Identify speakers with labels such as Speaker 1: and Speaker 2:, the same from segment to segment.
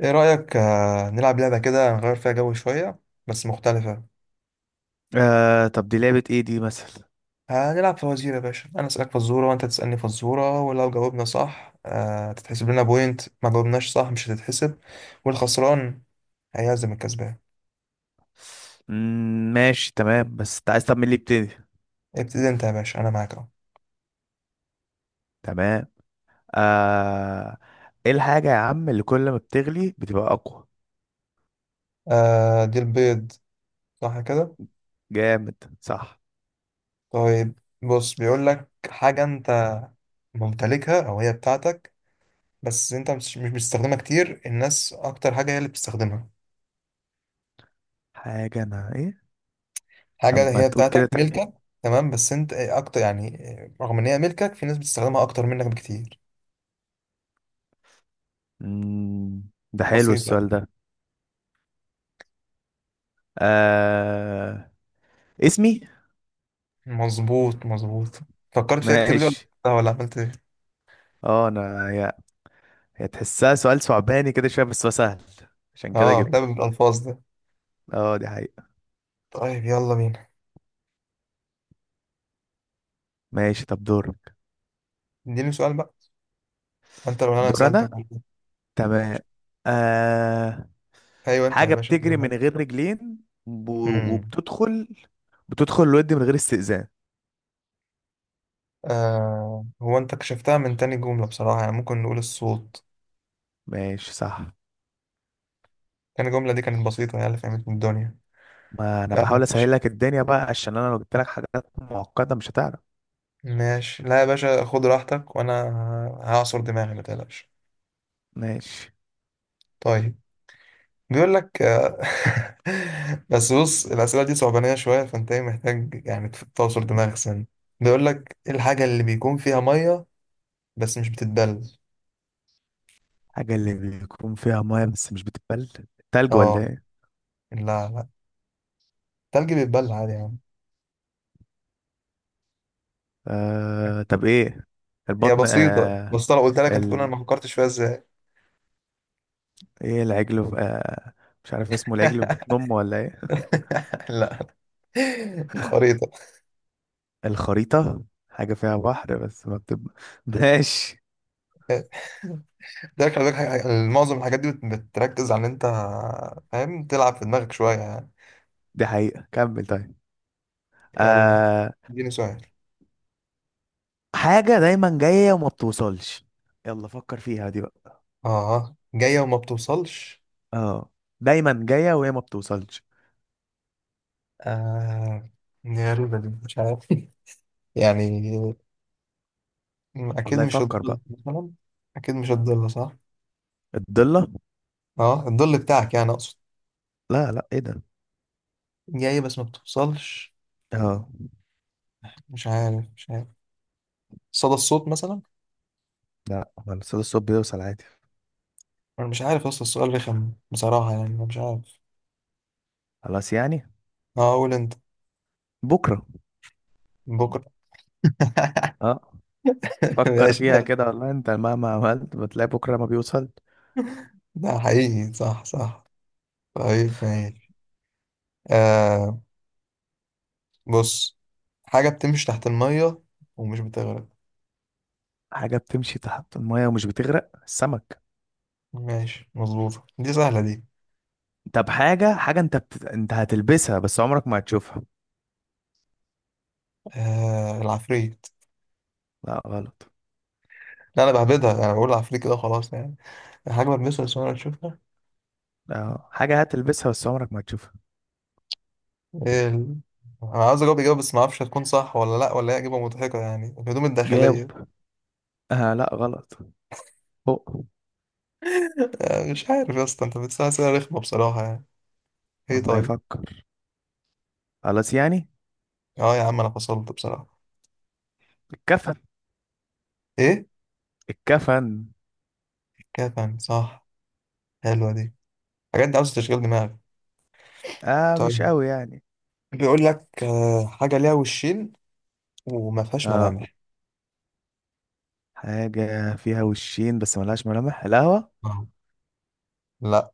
Speaker 1: ايه رأيك نلعب لعبة كده نغير فيها جو شوية، بس مختلفة.
Speaker 2: آه، طب دي لعبة ايه دي مثلا؟
Speaker 1: هنلعب فوازير يا باشا. انا اسألك فزورة وانت تسألني فزورة، ولو جاوبنا صح تتحسب لنا بوينت. ما جاوبناش صح مش هتتحسب. والخسران هيعزم الكسبان.
Speaker 2: ماشي تمام. بس انت عايز، طب مين اللي يبتدي؟
Speaker 1: ابتدي انت يا باشا، انا معاك اهو.
Speaker 2: تمام. آه، ايه الحاجة يا عم اللي كل ما بتغلي بتبقى اقوى؟
Speaker 1: آه، دي البيض. صح كده.
Speaker 2: جامد، صح.
Speaker 1: طيب بص، بيقول لك حاجة انت ممتلكها او هي بتاعتك، بس انت مش بتستخدمها كتير. الناس اكتر حاجة هي اللي بتستخدمها.
Speaker 2: حاجة انا ايه؟
Speaker 1: حاجة
Speaker 2: طب ما
Speaker 1: هي
Speaker 2: تقول كده
Speaker 1: بتاعتك
Speaker 2: تاني.
Speaker 1: ملكك. تمام، بس انت اكتر يعني. رغم ان هي ملكك، في ناس بتستخدمها اكتر منك بكتير.
Speaker 2: مم، ده حلو السؤال
Speaker 1: بسيطة.
Speaker 2: ده. آه، اسمي.
Speaker 1: مظبوط مظبوط. فكرت فيها كتير دي ولا؟
Speaker 2: ماشي.
Speaker 1: لا، ولا عملت ايه.
Speaker 2: اه انا هي، هي تحسها سؤال صعباني كده شوية بس هو سهل، عشان كده
Speaker 1: اه ده
Speaker 2: جبته.
Speaker 1: بالالفاظ ده.
Speaker 2: اه دي حقيقة.
Speaker 1: طيب يلا بينا.
Speaker 2: ماشي طب دورك.
Speaker 1: اديني سؤال بقى. انت لو انا
Speaker 2: دور
Speaker 1: سألتك
Speaker 2: انا.
Speaker 1: برضه.
Speaker 2: تمام. آه،
Speaker 1: ايوه، انت يا
Speaker 2: حاجة
Speaker 1: باشا، انت لو
Speaker 2: بتجري من
Speaker 1: انا.
Speaker 2: غير رجلين، ب-
Speaker 1: امم.
Speaker 2: وبتدخل، بتدخل الود من غير استئذان.
Speaker 1: آه، هو انت كشفتها من تاني جملة بصراحة، يعني ممكن نقول الصوت.
Speaker 2: ماشي صح.
Speaker 1: تاني جملة دي كانت بسيطة، هي اللي فهمت من الدنيا.
Speaker 2: ما انا
Speaker 1: يلا يا
Speaker 2: بحاول
Speaker 1: باشا.
Speaker 2: اسهل لك الدنيا بقى، عشان انا لو جبت لك حاجات معقدة مش هتعرف.
Speaker 1: ماشي، لا يا باشا خد راحتك، وانا هعصر دماغي ما تقلقش.
Speaker 2: ماشي.
Speaker 1: طيب. بيقول لك بس بص، الأسئلة دي صعبانية شوية، فأنت إيه محتاج يعني تعصر دماغك سن. بيقول لك، إيه الحاجة اللي بيكون فيها مية بس مش بتتبل؟
Speaker 2: حاجة اللي بيكون فيها مية بس مش بتتبل، تلج ولا
Speaker 1: آه،
Speaker 2: ايه؟
Speaker 1: لا لا، التلج بيتبل عادي يا عم.
Speaker 2: طب ايه،
Speaker 1: هي
Speaker 2: البطن
Speaker 1: بسيطة،
Speaker 2: آه...
Speaker 1: بس لو قلت لك أنت تقول أنا
Speaker 2: ال...
Speaker 1: ما فكرتش فيها إزاي.
Speaker 2: ايه العجل في. مش عارف اسمه، العجل في بطن امه ولا ايه؟
Speaker 1: لا، الخريطة.
Speaker 2: الخريطة. حاجة فيها بحر بس ما بتب... ماشي.
Speaker 1: ده خلي بالك، معظم الحاجات دي بتركز على إن أنت فاهم تلعب في دماغك شوية يعني.
Speaker 2: دي حقيقة، كمل طيب.
Speaker 1: يلا،
Speaker 2: آه،
Speaker 1: اديني سؤال.
Speaker 2: حاجة دايما جاية وما بتوصلش، يلا فكر فيها دي بقى.
Speaker 1: آه، جاية وما بتوصلش.
Speaker 2: اه، دايما جاية وهي ما بتوصلش.
Speaker 1: آه، دي غريبة دي، مش عارف يعني. أكيد
Speaker 2: والله
Speaker 1: مش
Speaker 2: يفكر
Speaker 1: الظل
Speaker 2: بقى.
Speaker 1: مثلا. أكيد مش الظل صح؟
Speaker 2: الضلة.
Speaker 1: أه، الظل بتاعك يعني أقصد.
Speaker 2: لا لا، ايه ده؟
Speaker 1: جاي بس ما بتوصلش.
Speaker 2: اه.
Speaker 1: مش عارف مش عارف. صدى الصوت مثلا.
Speaker 2: لا، هو الصلاة الصبح بيوصل عادي.
Speaker 1: أنا مش عارف، أصل السؤال رخم بصراحة يعني، أنا مش عارف.
Speaker 2: خلاص يعني.
Speaker 1: أه، قول أنت.
Speaker 2: بكرة.
Speaker 1: بكرة.
Speaker 2: اه، فكر
Speaker 1: ماشي
Speaker 2: فيها
Speaker 1: حلو.
Speaker 2: كده، والله انت مهما عملت بتلاقي بكرة ما بيوصل.
Speaker 1: ده حقيقي صح صح. طيب ماشي. آه بص، حاجة بتمشي تحت المية ومش بتغرق.
Speaker 2: حاجة بتمشي تحت المية ومش بتغرق، السمك.
Speaker 1: ماشي، مظبوطة دي، سهلة دي.
Speaker 2: طب حاجة، انت هتلبسها بس عمرك ما هتشوفها.
Speaker 1: آه، العفريت.
Speaker 2: لا غلط.
Speaker 1: لا، انا بهبدها، انا بقول عفريت كده خلاص يعني. حاجه بلمسها بس انا تشوفها.
Speaker 2: اه، حاجة هتلبسها بس عمرك ما هتشوفها.
Speaker 1: إيه ال... انا عاوز اجاوب اجابه بس ما اعرفش هتكون صح ولا لا، ولا هي اجابه مضحكه يعني، الهدوم
Speaker 2: جاوب.
Speaker 1: الداخليه.
Speaker 2: آه لا، غلط. فوق.
Speaker 1: مش عارف يا اسطى، انت بتسال اسئله رخمه بصراحه يعني. ايه،
Speaker 2: والله
Speaker 1: طيب.
Speaker 2: يفكر. خلاص يعني.
Speaker 1: اه يا عم، انا فصلت بصراحه.
Speaker 2: الكفن.
Speaker 1: ايه؟
Speaker 2: الكفن.
Speaker 1: كفن، صح. حلوه دي. الحاجات دي عاوزه تشغيل دماغ.
Speaker 2: اه، مش
Speaker 1: طيب.
Speaker 2: قوي يعني.
Speaker 1: بيقول لك حاجه ليها وشين وما فيهاش
Speaker 2: اه،
Speaker 1: ملامح.
Speaker 2: حاجة فيها وشين بس ملهاش ملامح، القهوة.
Speaker 1: آه. لا.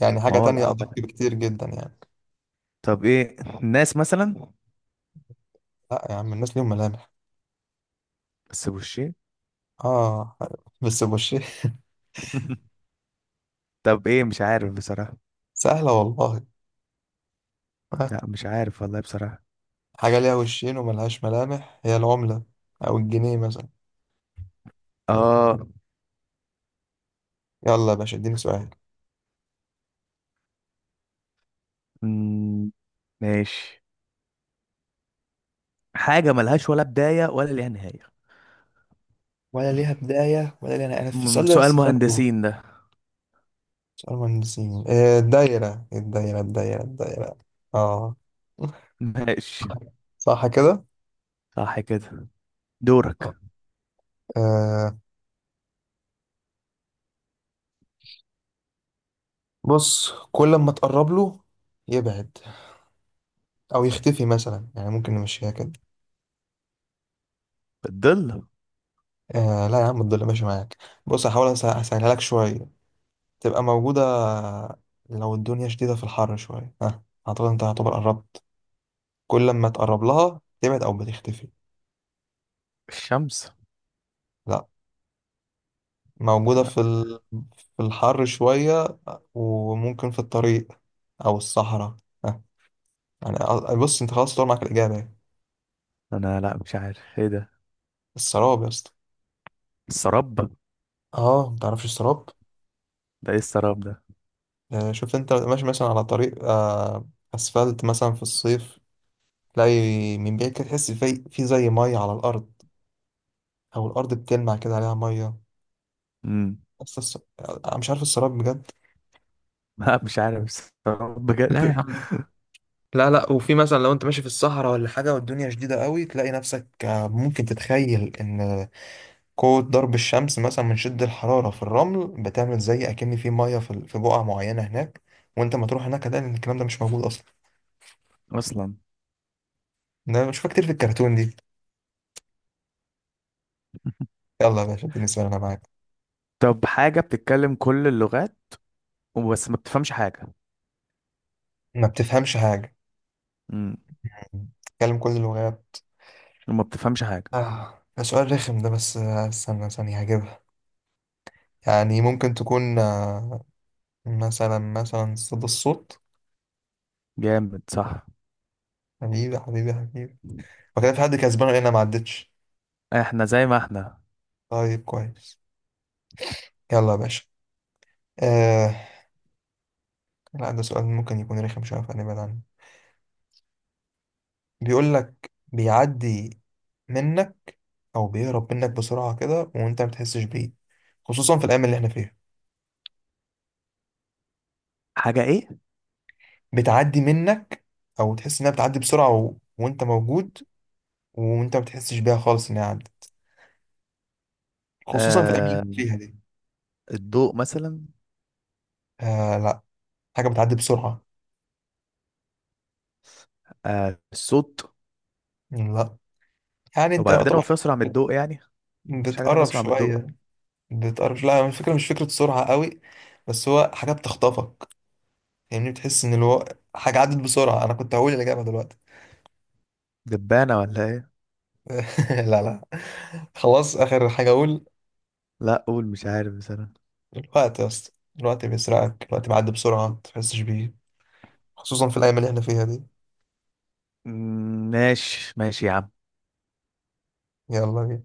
Speaker 1: يعني
Speaker 2: ما
Speaker 1: حاجه
Speaker 2: هو
Speaker 1: تانية ادق
Speaker 2: القهوة،
Speaker 1: بكتير جدا يعني.
Speaker 2: طب ايه، الناس مثلا.
Speaker 1: لا يا عم، الناس ليهم ملامح.
Speaker 2: بس بوشين.
Speaker 1: اه، بس بوشين.
Speaker 2: طب ايه، مش عارف بصراحة.
Speaker 1: سهله والله. آه،
Speaker 2: لا مش عارف والله بصراحة.
Speaker 1: حاجة ليها وشين وملهاش ملامح هي العملة، أو الجنيه مثلا.
Speaker 2: اه.
Speaker 1: يلا يا باشا، اديني سؤال.
Speaker 2: مم، ماشي. حاجة ملهاش ولا بداية ولا ليها نهاية.
Speaker 1: ولا ليها بداية ولا ليها نهاية. أنا في السؤال ده
Speaker 2: سؤال
Speaker 1: لسه فاكره.
Speaker 2: مهندسين ده.
Speaker 1: سؤال مهندسين الدايرة الدايرة الدايرة الدايرة. اه،
Speaker 2: ماشي.
Speaker 1: صح كده.
Speaker 2: صح كده. دورك.
Speaker 1: آه بص، كل ما تقرب له يبعد، أو يختفي مثلا، يعني ممكن نمشيها كده.
Speaker 2: الظل.
Speaker 1: آه، لا يا عم، تضل ماشي معاك. بص، هحاول أسهلها لك شوية. تبقى موجودة. لو الدنيا شديدة في الحر شوية، ها. أعتقد أنت هتبقى قربت. كل ما تقرب لها تبعد أو بتختفي.
Speaker 2: الشمس.
Speaker 1: لا. موجودة في الحر شوية. وممكن في الطريق، أو الصحراء، ها. يعني بص، أنت خلاص طلع معاك الإجابة يعني.
Speaker 2: انا لا مش عارف ايه ده.
Speaker 1: السراب يا اسطى.
Speaker 2: السراب ده،
Speaker 1: أه، متعرفش السراب؟
Speaker 2: ايه السراب ده؟
Speaker 1: شفت أنت ماشي مثلا على طريق أسفلت مثلا في الصيف. تلاقي من بعيد كده تحس في زي مية على الأرض. أو الأرض بتلمع كده عليها مية.
Speaker 2: امم.
Speaker 1: بس الص... انا مش عارف السراب بجد.
Speaker 2: لا مش عارف السراب
Speaker 1: لا يا
Speaker 2: بجد.
Speaker 1: عم. لا لا، وفي مثلا لو انت ماشي في الصحراء ولا حاجة والدنيا شديدة قوي تلاقي نفسك ممكن تتخيل ان قوة ضرب الشمس مثلا من شد الحرارة في الرمل بتعمل زي اكن في مية في بقعة معينة هناك. وانت ما تروح هناك هتلاقي ان الكلام ده مش موجود اصلا.
Speaker 2: اصلا.
Speaker 1: انا بشوفها كتير في الكرتون دي. يلا يا باشا، اديني سؤال انا معاك.
Speaker 2: طب حاجة بتتكلم كل اللغات وبس ما بتفهمش حاجة.
Speaker 1: ما بتفهمش حاجة.
Speaker 2: امم.
Speaker 1: تتكلم كل اللغات.
Speaker 2: وما بتفهمش حاجة.
Speaker 1: آه، ده سؤال رخم ده، بس استنى ثانية هجيبها. يعني ممكن تكون مثلا صدى الصوت.
Speaker 2: جامد صح.
Speaker 1: حبيبي حبيبي حبيبي. وكده، في حد كسبان ولا انا ما عدتش؟
Speaker 2: احنا زي ما احنا.
Speaker 1: طيب كويس. يلا يا باشا. آه لا، ده سؤال ممكن يكون رخم شويه فنبعد عنه. بيقول لك، بيعدي منك او بيهرب منك بسرعه كده وانت ما بتحسش بيه، خصوصا في الايام اللي احنا فيها.
Speaker 2: حاجة ايه؟
Speaker 1: بتعدي منك، او تحس انها بتعدي بسرعه وانت موجود، وانت ما بتحسش بيها خالص انها عدت، خصوصا في الايام اللي
Speaker 2: آه
Speaker 1: احنا فيها دي.
Speaker 2: الضوء مثلا.
Speaker 1: آه، لا، حاجه بتعدي بسرعه.
Speaker 2: آه الصوت.
Speaker 1: لا. يعني انت
Speaker 2: وبعدين هو
Speaker 1: يعتبر
Speaker 2: في اسرع من الضوء يعني؟ مفيش حاجة تانية
Speaker 1: بتقرب
Speaker 2: اسرع من الضوء.
Speaker 1: شوية. بتقرب، لا الفكرة مش فكرة سرعة قوي، بس هو حاجة بتخطفك. يعني بتحس ان حاجة عدت بسرعة، انا كنت هقول الإجابة دلوقتي.
Speaker 2: دبانة ولا ايه؟
Speaker 1: لا لا، خلاص آخر حاجة اقول.
Speaker 2: لا قول، مش عارف بصراحة.
Speaker 1: الوقت يا اسطى. الوقت بيسرقك، الوقت بيعدي بسرعة ما بتحسش بيه، خصوصا في الأيام اللي احنا فيها دي.
Speaker 2: ماشي ماشي يا عم.
Speaker 1: يلا بينا.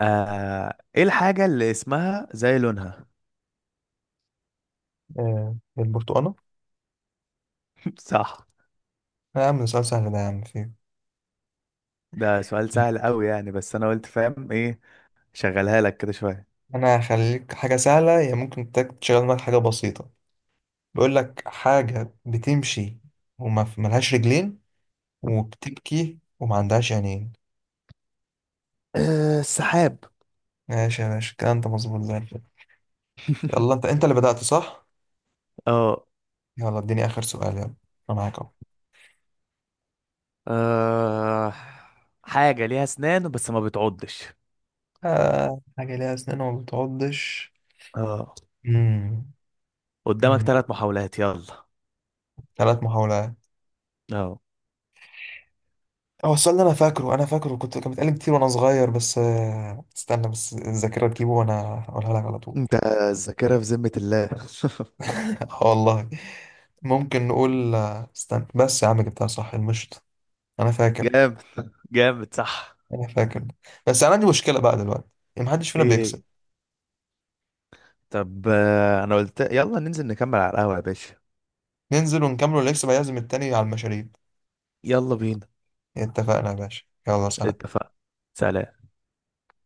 Speaker 2: آه، ايه الحاجة اللي اسمها زي لونها؟
Speaker 1: آه. البرتقالة.
Speaker 2: صح.
Speaker 1: لا يا عم، ده سؤال سهل ده يا عم فيه.
Speaker 2: ده سؤال سهل قوي يعني، بس انا قلت فاهم ايه، شغلها لك كده شوية.
Speaker 1: انا هخليك حاجة سهلة هي ممكن تشغل معاك حاجة بسيطة. بيقول لك، حاجة بتمشي وما ملهاش رجلين، وبتبكي وما عندهاش عينين.
Speaker 2: آه، السحاب.
Speaker 1: ماشي يا باشا، الكلام ده مظبوط زي الفل. يلا، انت اللي بدأت صح؟
Speaker 2: اه.
Speaker 1: يلا اديني آخر سؤال، يلا انا معاك اهو.
Speaker 2: آه، حاجة ليها اسنان بس ما بتعضش.
Speaker 1: حاجة ليها أسنان وما بتعضش.
Speaker 2: اه،
Speaker 1: مم.
Speaker 2: قدامك
Speaker 1: مم.
Speaker 2: ثلاث محاولات يلا.
Speaker 1: ثلاث محاولات.
Speaker 2: اه
Speaker 1: هو السؤال ده أنا فاكره أنا فاكره، كان بيتقال كتير وأنا صغير، بس استنى بس الذاكرة تجيبه وأنا هقولها لك على طول.
Speaker 2: انت. الذاكرة في ذمة الله.
Speaker 1: اه والله. ممكن نقول استنى بس يا عم، جبتها، صح المشط. أنا فاكر.
Speaker 2: جامد. جامد صح.
Speaker 1: أنا فاكر. بس أنا عندي مشكلة بقى دلوقتي، إن محدش فينا
Speaker 2: ايه
Speaker 1: بيكسب.
Speaker 2: هي؟ طب آه، انا قلت يلا ننزل نكمل على القهوة يا باشا.
Speaker 1: ننزل ونكملوا الإكس بقى، يعزم التاني على المشاريب.
Speaker 2: يلا بينا.
Speaker 1: اتفقنا يا باشا، يلا سلام.
Speaker 2: اتفقنا، سلام.